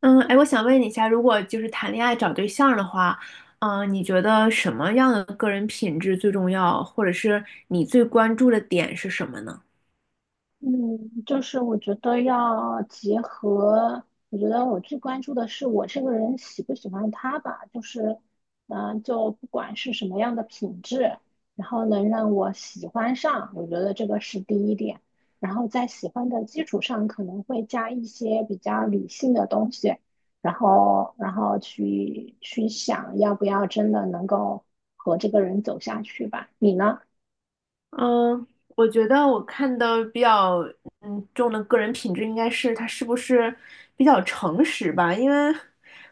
嗯，哎，我想问你一下，如果就是谈恋爱找对象的话，你觉得什么样的个人品质最重要，或者是你最关注的点是什么呢？嗯，就是我觉得要结合，我觉得我最关注的是我这个人喜不喜欢他吧，就是，就不管是什么样的品质，然后能让我喜欢上，我觉得这个是第一点，然后在喜欢的基础上，可能会加一些比较理性的东西，然后去想要不要真的能够和这个人走下去吧，你呢？嗯，我觉得我看的比较重的个人品质应该是他是不是比较诚实吧。因为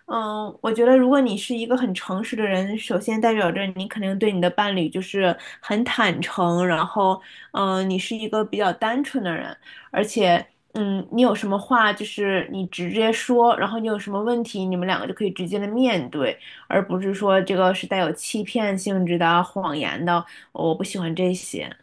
我觉得如果你是一个很诚实的人，首先代表着你肯定对你的伴侣就是很坦诚，然后你是一个比较单纯的人，而且你有什么话就是你直接说，然后你有什么问题，你们两个就可以直接的面对，而不是说这个是带有欺骗性质的、谎言的，我不喜欢这些。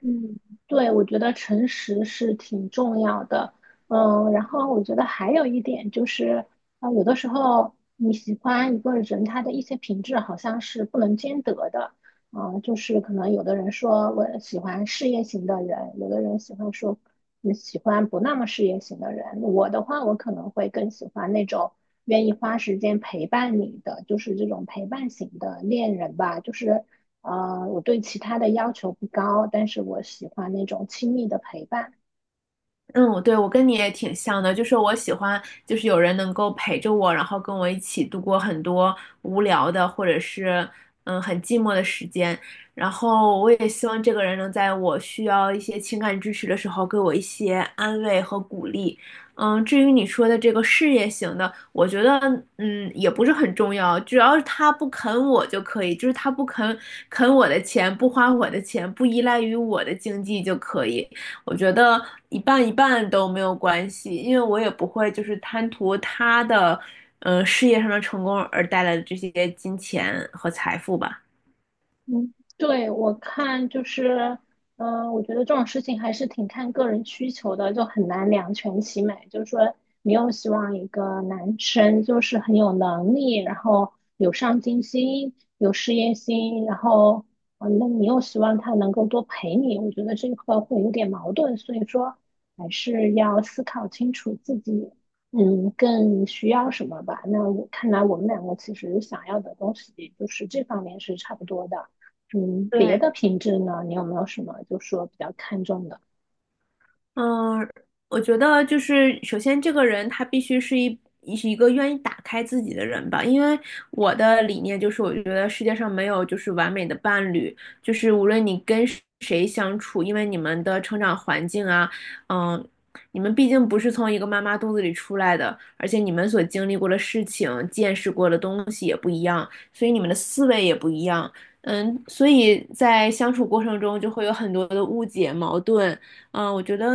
嗯，对，我觉得诚实是挺重要的。嗯，然后我觉得还有一点就是，有的时候你喜欢一个人，他的一些品质好像是不能兼得的。啊，就是可能有的人说我喜欢事业型的人，有的人喜欢说你喜欢不那么事业型的人。我的话，我可能会更喜欢那种愿意花时间陪伴你的，就是这种陪伴型的恋人吧，就是。我对其他的要求不高，但是我喜欢那种亲密的陪伴。嗯，对，我跟你也挺像的，就是我喜欢，就是有人能够陪着我，然后跟我一起度过很多无聊的或者是很寂寞的时间，然后我也希望这个人能在我需要一些情感支持的时候给我一些安慰和鼓励。嗯，至于你说的这个事业型的，我觉得也不是很重要，只要是他不啃我就可以，就是他不啃我的钱，不花我的钱，不依赖于我的经济就可以。我觉得一半一半都没有关系，因为我也不会就是贪图他的，事业上的成功而带来的这些金钱和财富吧。嗯，对，我看就是，我觉得这种事情还是挺看个人需求的，就很难两全其美。就是说，你又希望一个男生就是很有能力，然后有上进心、有事业心，然后，那你又希望他能够多陪你，我觉得这个会有点矛盾。所以说，还是要思考清楚自己，嗯，更需要什么吧。那我看来，我们两个其实想要的东西就是这方面是差不多的。嗯，别对，的品质呢，你有没有什么就说比较看重的？嗯，我觉得就是首先这个人他必须是一是一个愿意打开自己的人吧。因为我的理念就是，我觉得世界上没有就是完美的伴侣，就是无论你跟谁相处，因为你们的成长环境啊，嗯，你们毕竟不是从一个妈妈肚子里出来的，而且你们所经历过的事情、见识过的东西也不一样，所以你们的思维也不一样，嗯，所以在相处过程中就会有很多的误解、矛盾。我觉得，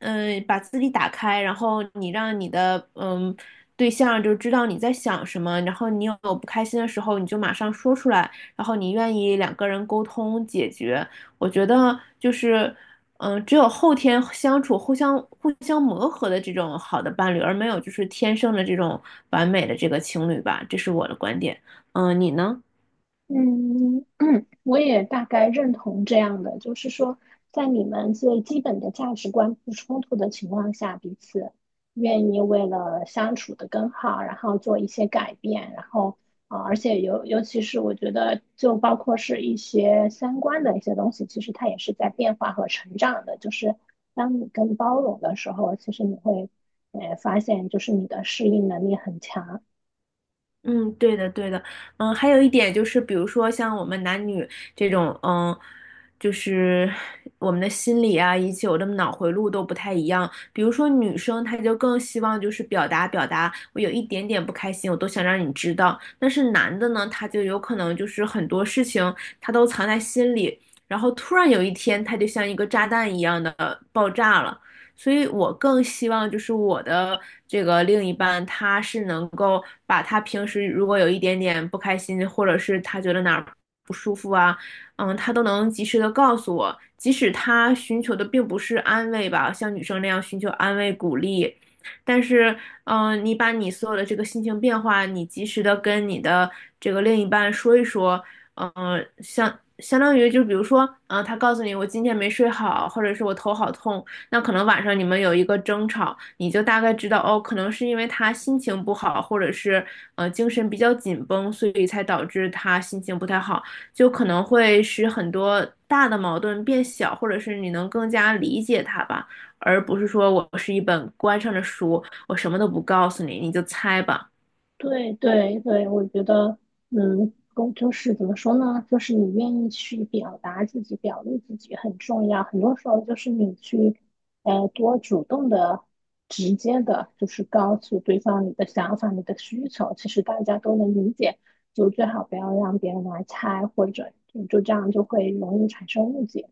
嗯、把自己打开，然后你让你的对象就知道你在想什么，然后你有不开心的时候，你就马上说出来，然后你愿意两个人沟通解决。我觉得就是，只有后天相处、互相磨合的这种好的伴侣，而没有就是天生的这种完美的这个情侣吧，这是我的观点。你呢？嗯，我也大概认同这样的，就是说，在你们最基本的价值观不冲突的情况下，彼此愿意为了相处的更好，然后做一些改变，然后而且尤其是我觉得，就包括是一些相关的一些东西，其实它也是在变化和成长的。就是当你更包容的时候，其实你会发现，就是你的适应能力很强。嗯，对的，对的。嗯，还有一点就是，比如说像我们男女这种，嗯，就是我们的心理啊，以及我的脑回路都不太一样。比如说女生，她就更希望就是表达表达，我有一点点不开心，我都想让你知道。但是男的呢，他就有可能就是很多事情他都藏在心里，然后突然有一天，他就像一个炸弹一样的爆炸了。所以我更希望就是我的这个另一半，他是能够把他平时如果有一点点不开心，或者是他觉得哪儿不舒服啊，嗯，他都能及时的告诉我，即使他寻求的并不是安慰吧，像女生那样寻求安慰鼓励。但是,你把你所有的这个心情变化，你及时的跟你的这个另一半说一说。嗯、相相当于就比如说，他告诉你我今天没睡好，或者是我头好痛，那可能晚上你们有一个争吵，你就大概知道哦，可能是因为他心情不好，或者是精神比较紧绷，所以才导致他心情不太好，就可能会使很多大的矛盾变小，或者是你能更加理解他吧，而不是说我是一本关上的书，我什么都不告诉你，你就猜吧。对对对，我觉得，嗯，公就是怎么说呢？就是你愿意去表达自己、表露自己很重要。很多时候就是你去，多主动的、直接的，就是告诉对方你的想法、你的需求，其实大家都能理解。就最好不要让别人来猜，或者就这样就会容易产生误解。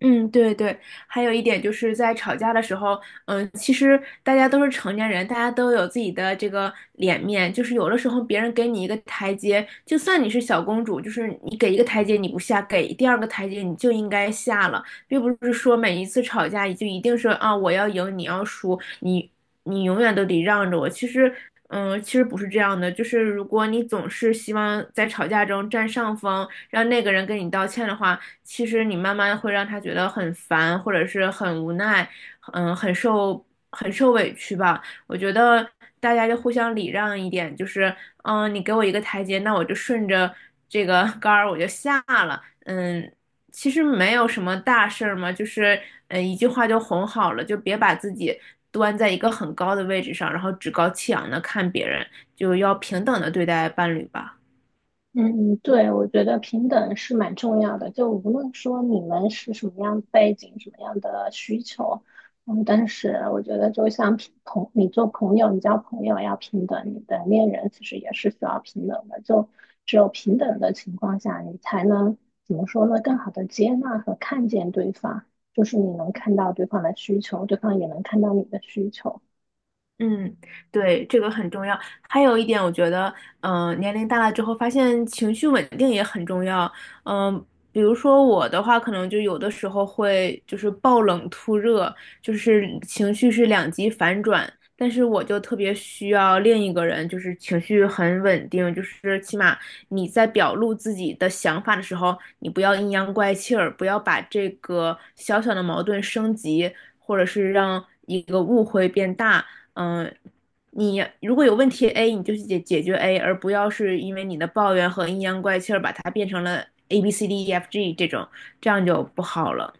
嗯，对对，还有一点就是在吵架的时候，嗯，其实大家都是成年人，大家都有自己的这个脸面，就是有的时候别人给你一个台阶，就算你是小公主，就是你给一个台阶你不下，给第二个台阶你就应该下了。并不是说每一次吵架你就一定是啊我要赢你要输，你永远都得让着我。其实，嗯、其实不是这样的，就是如果你总是希望在吵架中占上风，让那个人跟你道歉的话，其实你慢慢会让他觉得很烦，或者是很无奈，嗯，很受委屈吧。我觉得大家就互相礼让一点，就是你给我一个台阶，那我就顺着这个 杆儿我就下了，嗯。其实没有什么大事儿嘛，就是一句话就哄好了，就别把自己端在一个很高的位置上，然后趾高气扬的看别人，就要平等的对待伴侣吧。嗯嗯对，我觉得平等是蛮重要的。就无论说你们是什么样的背景、什么样的需求，嗯，但是我觉得就像平朋，你做朋友，你交朋友要平等，你的恋人其实也是需要平等的。就只有平等的情况下，你才能怎么说呢？更好的接纳和看见对方，就是你能看到对方的需求，对方也能看到你的需求。嗯，对，这个很重要。还有一点，我觉得，年龄大了之后，发现情绪稳定也很重要。嗯、比如说我的话，可能就有的时候会就是暴冷突热，就是情绪是两极反转。但是我就特别需要另一个人，就是情绪很稳定，就是起码你在表露自己的想法的时候，你不要阴阳怪气儿，不要把这个小小的矛盾升级，或者是让一个误会变大。嗯，你如果有问题 A，你就去解决 A，而不要是因为你的抱怨和阴阳怪气儿把它变成了 A B C D E F G 这种，这样就不好了。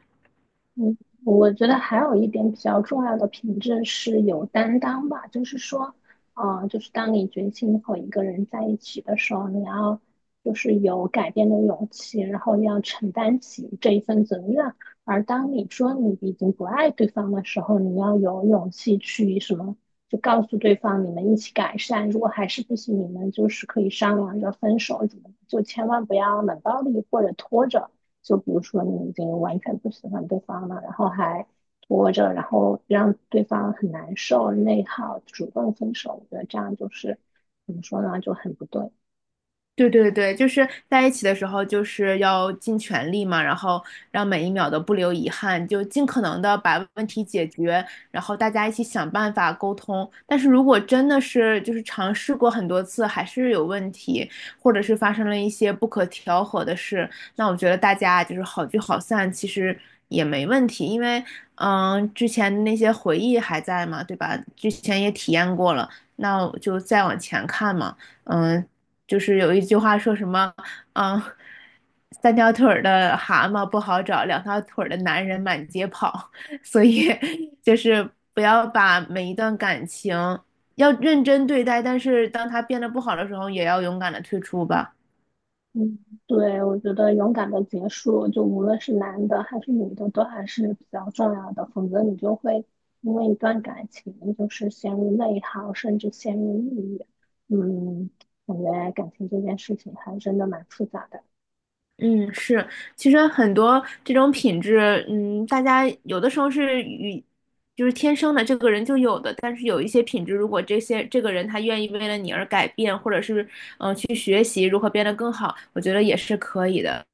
嗯，我觉得还有一点比较重要的品质是有担当吧，就是说，就是当你决心和一个人在一起的时候，你要就是有改变的勇气，然后要承担起这一份责任。而当你说你已经不爱对方的时候，你要有勇气去什么，就告诉对方你们一起改善，如果还是不行，你们就是可以商量着分手怎么，就千万不要冷暴力或者拖着。就比如说你已经完全不喜欢对方了，然后还拖着，然后让对方很难受、内耗，主动分手，我觉得这样就是怎么说呢，就很不对。对对对，就是在一起的时候，就是要尽全力嘛，然后让每一秒都不留遗憾，就尽可能的把问题解决，然后大家一起想办法沟通。但是如果真的是就是尝试过很多次还是有问题，或者是发生了一些不可调和的事，那我觉得大家就是好聚好散，其实也没问题。因为之前那些回忆还在嘛，对吧？之前也体验过了，那我就再往前看嘛。嗯，就是有一句话说什么，嗯，三条腿儿的蛤蟆不好找，两条腿儿的男人满街跑，所以就是不要把每一段感情要认真对待，但是当它变得不好的时候，也要勇敢的退出吧。嗯，对，我觉得勇敢的结束，就无论是男的还是女的，都还是比较重要的，否则你就会因为一段感情就是陷入内耗，甚至陷入抑郁。嗯，感觉感情这件事情还真的蛮复杂的。嗯，是，其实很多这种品质，嗯，大家有的时候是就是天生的，这个人就有的。但是有一些品质，如果这些这个人他愿意为了你而改变，或者是去学习如何变得更好，我觉得也是可以的。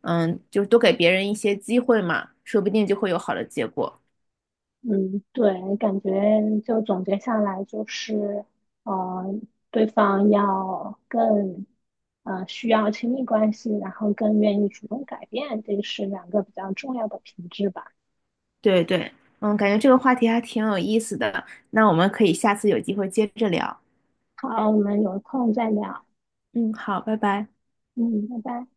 嗯，就是多给别人一些机会嘛，说不定就会有好的结果。嗯，对，感觉就总结下来就是，呃，对方要更，需要亲密关系，然后更愿意主动改变，这是两个比较重要的品质吧。对对，嗯，感觉这个话题还挺有意思的，那我们可以下次有机会接着聊。好，我们有空再聊。嗯，好，拜拜。嗯，拜拜。